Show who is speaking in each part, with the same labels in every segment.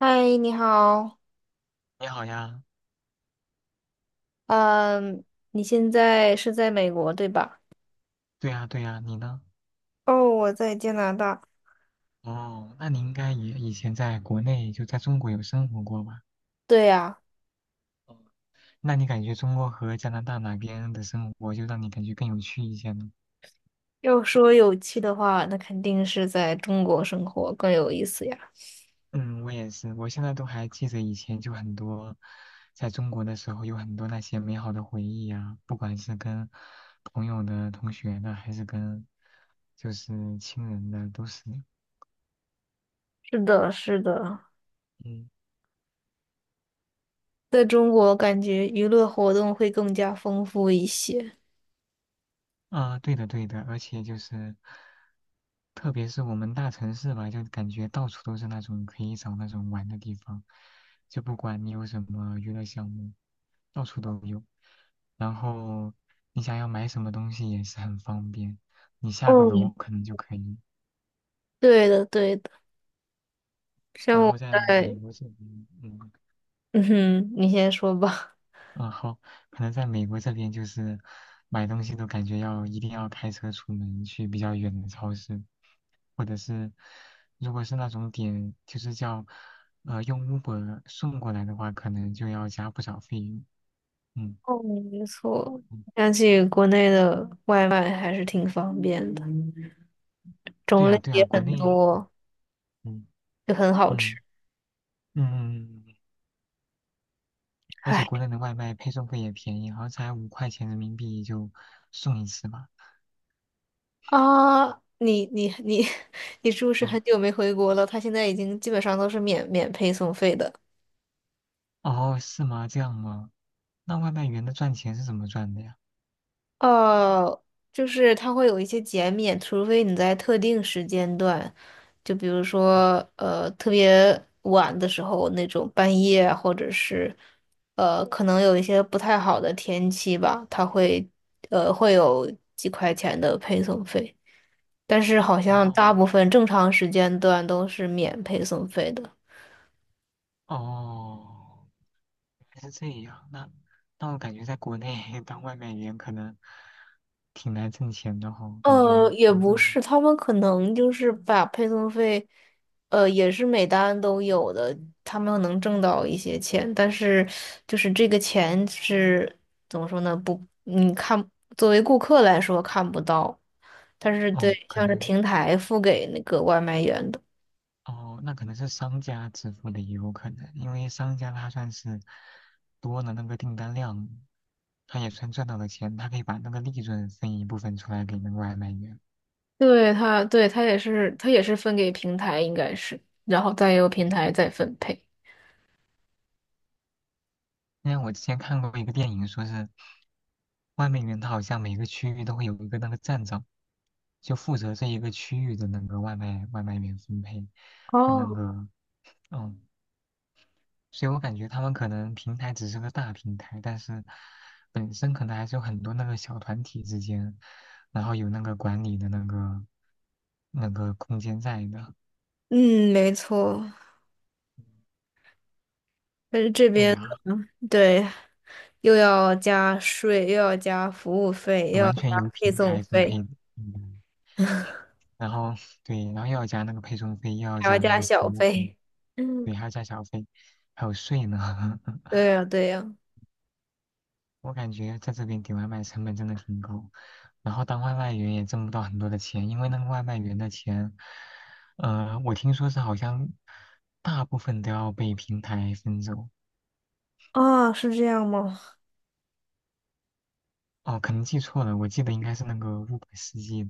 Speaker 1: 嗨，你好，
Speaker 2: 你好呀，
Speaker 1: 嗯，你现在是在美国对吧？
Speaker 2: 对呀，对呀，你呢？
Speaker 1: 哦，我在加拿大。
Speaker 2: 哦，那你应该也以前在国内，就在中国有生活过吧？
Speaker 1: 对呀，
Speaker 2: 哦那你感觉中国和加拿大哪边的生活就让你感觉更有趣一些呢？
Speaker 1: 要说有趣的话，那肯定是在中国生活更有意思呀。
Speaker 2: 嗯，我也是，我现在都还记得以前就很多，在中国的时候有很多那些美好的回忆呀，不管是跟朋友的、同学的，还是跟就是亲人的，都是。
Speaker 1: 是的，是的，
Speaker 2: 嗯
Speaker 1: 在中国感觉娱乐活动会更加丰富一些。
Speaker 2: 啊，对的对的，而且就是，特别是我们大城市吧，就感觉到处都是那种可以找那种玩的地方，就不管你有什么娱乐项目，到处都有。然后你想要买什么东西也是很方便，你下个楼
Speaker 1: 哦，
Speaker 2: 可能就可以。
Speaker 1: 对的，对的，像
Speaker 2: 然
Speaker 1: 我
Speaker 2: 后在
Speaker 1: 在
Speaker 2: 美国这边，嗯。
Speaker 1: 嗯哼，你先说吧。
Speaker 2: 啊，好，可能在美国这边就是买东西都感觉要一定要开车出门去比较远的超市，或者是如果是那种点就是叫用 Uber 送过来的话，可能就要加不少费用。嗯，
Speaker 1: 哦，没错。
Speaker 2: 嗯
Speaker 1: 想起国内的外卖还是挺方便的，
Speaker 2: 对
Speaker 1: 种
Speaker 2: 呀
Speaker 1: 类
Speaker 2: 对呀，
Speaker 1: 也
Speaker 2: 国
Speaker 1: 很
Speaker 2: 内
Speaker 1: 多，
Speaker 2: 嗯
Speaker 1: 就很好吃。
Speaker 2: 嗯嗯嗯，嗯而且
Speaker 1: 唉
Speaker 2: 国内的外卖配送费也便宜，好像才5块钱人民币就送一次吧。
Speaker 1: 啊，你你你 你是不是
Speaker 2: 嗯，
Speaker 1: 很久没回国了？他现在已经基本上都是免配送费的。
Speaker 2: 哦，是吗？这样吗？那外卖员的赚钱是怎么赚的呀？
Speaker 1: 哦，就是它会有一些减免，除非你在特定时间段，就比如说特别晚的时候那种半夜啊，或者是可能有一些不太好的天气吧，他会有几块钱的配送费，但是好像大
Speaker 2: 哦。
Speaker 1: 部分正常时间段都是免配送费的。
Speaker 2: 哦，原来是这样。那我感觉在国内 当外卖员可能挺难挣钱的哈，感觉
Speaker 1: 也
Speaker 2: 怎么怎
Speaker 1: 不
Speaker 2: 么样
Speaker 1: 是，他们可能就是把配送费，也是每单都有的，他们能挣到一些钱，但是就是这个钱是怎么说呢？不，你看，作为顾客来说看不到，但是对，
Speaker 2: 哦，可
Speaker 1: 像是
Speaker 2: 能
Speaker 1: 平台付给那个外卖员的，
Speaker 2: 哦，那可能是商家支付的也有可能，因为商家他算是多了那个订单量，他也算赚到了钱，他可以把那个利润分一部分出来给那个外卖员。
Speaker 1: 对他也是，他也是分给平台，应该是，然后再由平台再分配。
Speaker 2: 因为我之前看过一个电影，说是外卖员，他好像每个区域都会有一个那个站长，就负责这一个区域的那个外卖员分配和那
Speaker 1: 哦，
Speaker 2: 个嗯，所以我感觉他们可能平台只是个大平台，但是本身可能还是有很多那个小团体之间，然后有那个管理的那个空间在的。
Speaker 1: 嗯，没错，但是这
Speaker 2: 哎
Speaker 1: 边
Speaker 2: 呀，
Speaker 1: 对。又要加税，又要加服务费，又要
Speaker 2: 完全
Speaker 1: 加
Speaker 2: 由
Speaker 1: 配
Speaker 2: 平
Speaker 1: 送
Speaker 2: 台分配
Speaker 1: 费，
Speaker 2: 的，嗯，然后对，然后又要加那个配送费，又要
Speaker 1: 还要
Speaker 2: 加那
Speaker 1: 加
Speaker 2: 个服
Speaker 1: 小
Speaker 2: 务费。
Speaker 1: 费。
Speaker 2: 对，
Speaker 1: 嗯，
Speaker 2: 还要加小费，还有税呢。
Speaker 1: 对 呀，对呀。
Speaker 2: 我感觉在这边点外卖成本真的挺高，然后当外卖员也挣不到很多的钱，因为那个外卖员的钱，我听说是好像大部分都要被平台分走。
Speaker 1: 啊，是这样吗？
Speaker 2: 哦，可能记错了，我记得应该是那个 Uber 司机，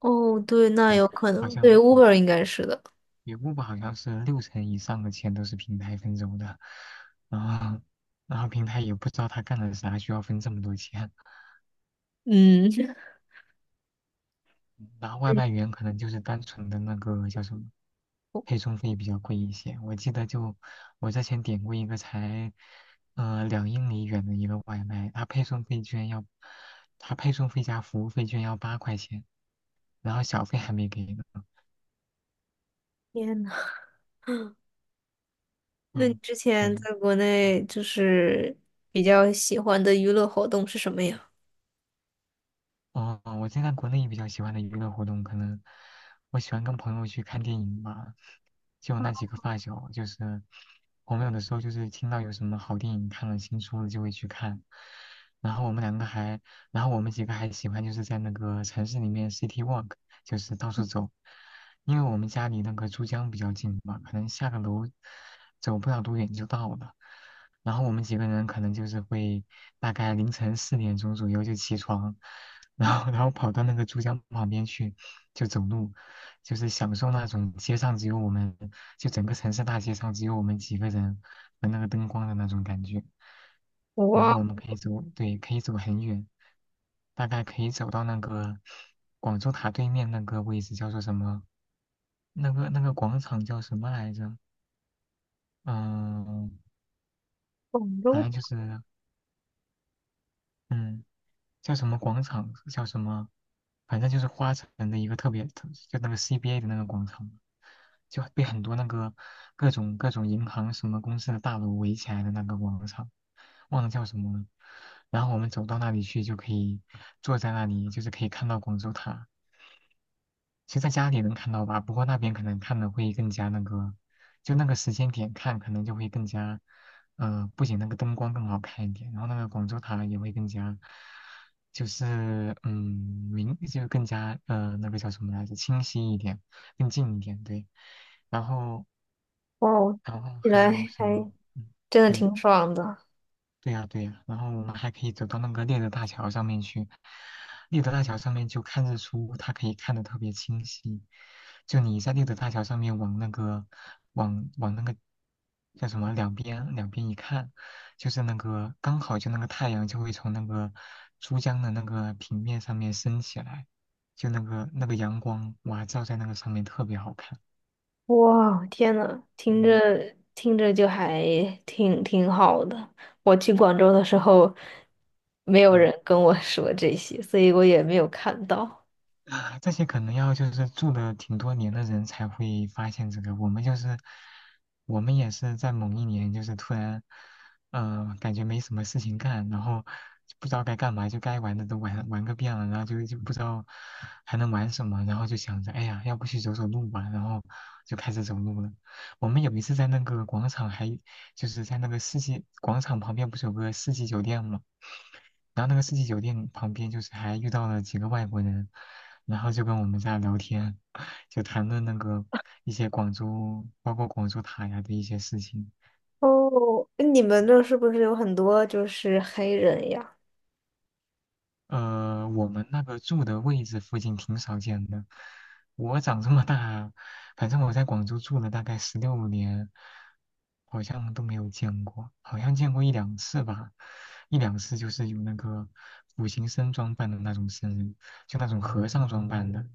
Speaker 1: 哦，对，那
Speaker 2: 对，
Speaker 1: 有可
Speaker 2: 好
Speaker 1: 能。
Speaker 2: 像
Speaker 1: 对
Speaker 2: 对，
Speaker 1: ，Uber 应该是的。
Speaker 2: 对 Uber 好像是六成以上的钱都是平台分走的，然后然后平台也不知道他干了啥，需要分这么多钱。
Speaker 1: 嗯，
Speaker 2: 然后外卖 员可能就是单纯的那个叫什么，配送费比较贵一些。我记得就我之前点过一个才，2英里远的一个外卖，它配送费加服务费居然要8块钱，然后小费还没给呢。
Speaker 1: 天呐，那你
Speaker 2: 嗯，
Speaker 1: 之前
Speaker 2: 嗯，
Speaker 1: 在国内就是比较喜欢的娱乐活动是什么呀？
Speaker 2: 哦，我现在国内比较喜欢的娱乐活动，可能我喜欢跟朋友去看电影吧。就我那几个发小，就是我们有的时候就是听到有什么好电影看了新出了就会去看。然后我们两个还，然后我们几个还喜欢就是在那个城市里面 city walk，就是到处走。因为我们家离那个珠江比较近嘛，可能下个楼走不了多远就到了。然后我们几个人可能就是会大概凌晨4点钟左右就起床，然后跑到那个珠江旁边去，就走路，就是享受那种街上只有我们，就整个城市大街上只有我们几个人和那个灯光的那种感觉。然
Speaker 1: 哇，
Speaker 2: 后我们可以走，对，可以走很远，大概可以走到那个广州塔对面那个位置，叫做什么？那个广场叫什么来着？嗯，
Speaker 1: 广
Speaker 2: 反
Speaker 1: 州，
Speaker 2: 正就是嗯。叫什么广场，叫什么，反正就是花城的一个特别，特就那个 CBA 的那个广场，就被很多那个各种银行什么公司的大楼围起来的那个广场，忘了叫什么了。然后我们走到那里去，就可以坐在那里，就是可以看到广州塔。其实在家里能看到吧，不过那边可能看的会更加那个，就那个时间点看，可能就会更加，不仅那个灯光更好看一点，然后那个广州塔也会更加，就是明，就更加那个叫什么来着，清晰一点，更近一点，对。然后
Speaker 1: 哇，
Speaker 2: 然后
Speaker 1: 听起
Speaker 2: 还
Speaker 1: 来
Speaker 2: 有什么？
Speaker 1: 还
Speaker 2: 嗯，
Speaker 1: 真的
Speaker 2: 对。
Speaker 1: 挺爽的。
Speaker 2: 对呀，对呀，然后我们还可以走到那个猎德大桥上面去。猎德大桥上面就看日出，它可以看得特别清晰。就你在猎德大桥上面往那个，往那个叫什么两边一看，就是那个刚好就那个太阳就会从那个珠江的那个平面上面升起来，就那个阳光哇照在那个上面特别好看。
Speaker 1: 哇，天呐，听
Speaker 2: 嗯。
Speaker 1: 着听着就还挺好的。我去广州的时候，没有
Speaker 2: 嗯
Speaker 1: 人跟我说这些，所以我也没有看到。
Speaker 2: 啊，这些可能要就是住的挺多年的人才会发现这个。我们就是，我们也是在某一年，就是突然，感觉没什么事情干，然后就不知道该干嘛，就该玩的都玩个遍了，然后就不知道还能玩什么，然后就想着，哎呀，要不去走走路吧，然后就开始走路了。我们有一次在那个广场还，就是在那个世纪广场旁边不是有个世纪酒店吗？然后那个世纪酒店旁边就是还遇到了几个外国人，然后就跟我们在聊天，就谈论那个一些广州，包括广州塔呀的一些事情。
Speaker 1: 哦，你们那是不是有很多就是黑人呀？
Speaker 2: 我们那个住的位置附近挺少见的。我长这么大，反正我在广州住了大概16年，好像都没有见过，好像见过一两次吧，一两次就是有那个苦行僧装扮的那种僧人，就那种和尚装扮的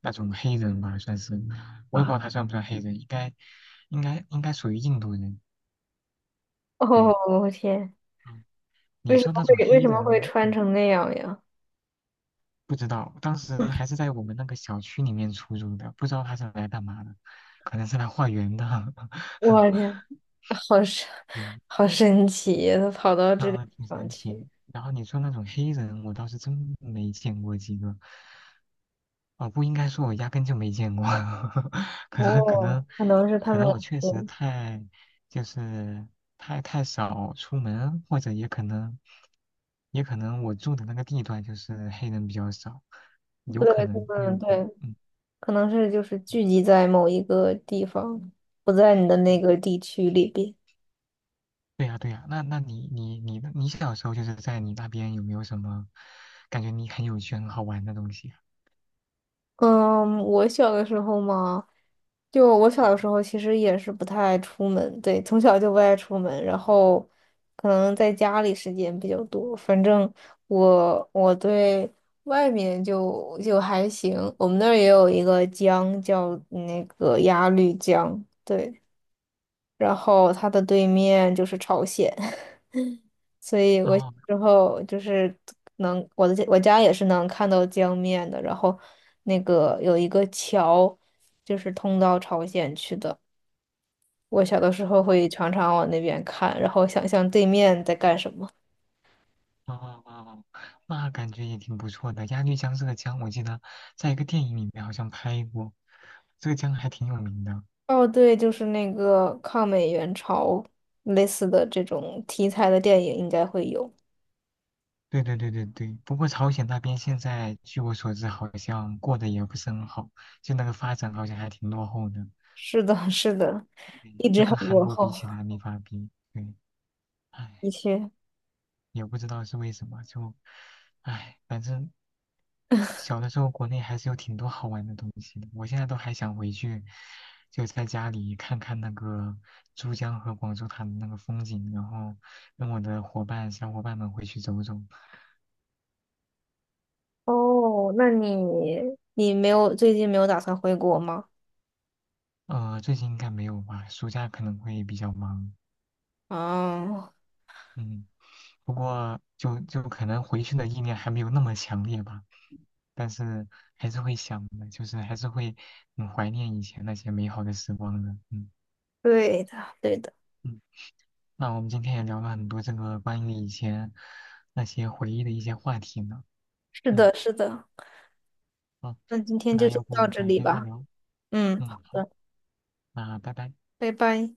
Speaker 2: 那种黑人吧，算是，我也不知
Speaker 1: 啊，
Speaker 2: 道他算不算黑人，应该属于印度人。对，
Speaker 1: 哦，我天，
Speaker 2: 嗯，你
Speaker 1: 为什
Speaker 2: 说
Speaker 1: 么
Speaker 2: 那种
Speaker 1: 会为
Speaker 2: 黑
Speaker 1: 什么会
Speaker 2: 人，
Speaker 1: 穿
Speaker 2: 嗯。
Speaker 1: 成那样呀？
Speaker 2: 不知道，当时还是在我们那个小区里面出入的，不知道他是来干嘛的，可能是来化缘的。
Speaker 1: 我 天，好神，
Speaker 2: 对，
Speaker 1: 好神奇呀，他跑到这个地
Speaker 2: 嗯、挺
Speaker 1: 方
Speaker 2: 神奇。
Speaker 1: 去。
Speaker 2: 然后你说那种黑人，我倒是真没见过几个。哦，不应该说，我压根就没见过。可能可
Speaker 1: 哦，
Speaker 2: 能
Speaker 1: 可能是他
Speaker 2: 可
Speaker 1: 们，
Speaker 2: 能我确
Speaker 1: 对，
Speaker 2: 实太就是太太少出门，或者也可能我住的那个地段就是黑人比较少，有
Speaker 1: 对，
Speaker 2: 可能
Speaker 1: 他
Speaker 2: 都有
Speaker 1: 们
Speaker 2: 可能。
Speaker 1: 对，
Speaker 2: 嗯
Speaker 1: 可能是就是聚集在某一个地方，不在你的那个
Speaker 2: 嗯。
Speaker 1: 地区里边。
Speaker 2: 对呀，对呀，那你小时候就是在你那边有没有什么感觉你很有趣、很好玩的东西
Speaker 1: 嗯，我小的时候嘛，就我小的时候其实也是不太爱出门，对，从小就不爱出门，然后可能在家里时间比较多。反正我对外面就还行，我们那儿也有一个江叫那个鸭绿江，对，然后它的对面就是朝鲜。所以
Speaker 2: 啊？
Speaker 1: 我
Speaker 2: 哦
Speaker 1: 之后就是能我家也是能看到江面的，然后那个有一个桥，就是通到朝鲜去的。我小的时候会常常往那边看，然后想象对面在干什么。
Speaker 2: 哦哦，那感觉也挺不错的。鸭绿江这个江，我记得在一个电影里面好像拍过，这个江还挺有名的。
Speaker 1: 哦，对，就是那个抗美援朝类似的这种题材的电影应该会有。
Speaker 2: 对对对对对，不过朝鲜那边现在据我所知，好像过得也不是很好，就那个发展好像还挺落后的，
Speaker 1: 是的，是的，
Speaker 2: 对
Speaker 1: 一直
Speaker 2: 就
Speaker 1: 很
Speaker 2: 跟韩
Speaker 1: 落
Speaker 2: 国
Speaker 1: 后，
Speaker 2: 比起来没法比。对，唉，
Speaker 1: 的确。
Speaker 2: 也不知道是为什么，就唉，反正。小的时候国内还是有挺多好玩的东西的，我现在都还想回去，就在家里看看那个珠江和广州塔的那个风景，然后跟我的小伙伴们回去走走。
Speaker 1: 哦，那你没有最近没有打算回国吗？
Speaker 2: 最近应该没有吧，暑假可能会比较忙。
Speaker 1: 啊。
Speaker 2: 嗯，不过就可能回去的意念还没有那么强烈吧，但是还是会想的，就是还是会很怀念以前那些美好的时光的。嗯。
Speaker 1: 对的，对的，
Speaker 2: 嗯那我们今天也聊了很多这个关于以前那些回忆的一些话题呢。
Speaker 1: 是
Speaker 2: 嗯，
Speaker 1: 的，是的。
Speaker 2: 好，
Speaker 1: 那今天就
Speaker 2: 那
Speaker 1: 先
Speaker 2: 要
Speaker 1: 到
Speaker 2: 不
Speaker 1: 这
Speaker 2: 改
Speaker 1: 里
Speaker 2: 天再
Speaker 1: 吧。
Speaker 2: 聊。
Speaker 1: 嗯，
Speaker 2: 嗯，
Speaker 1: 好
Speaker 2: 好，
Speaker 1: 的，
Speaker 2: 那拜拜。
Speaker 1: 拜拜。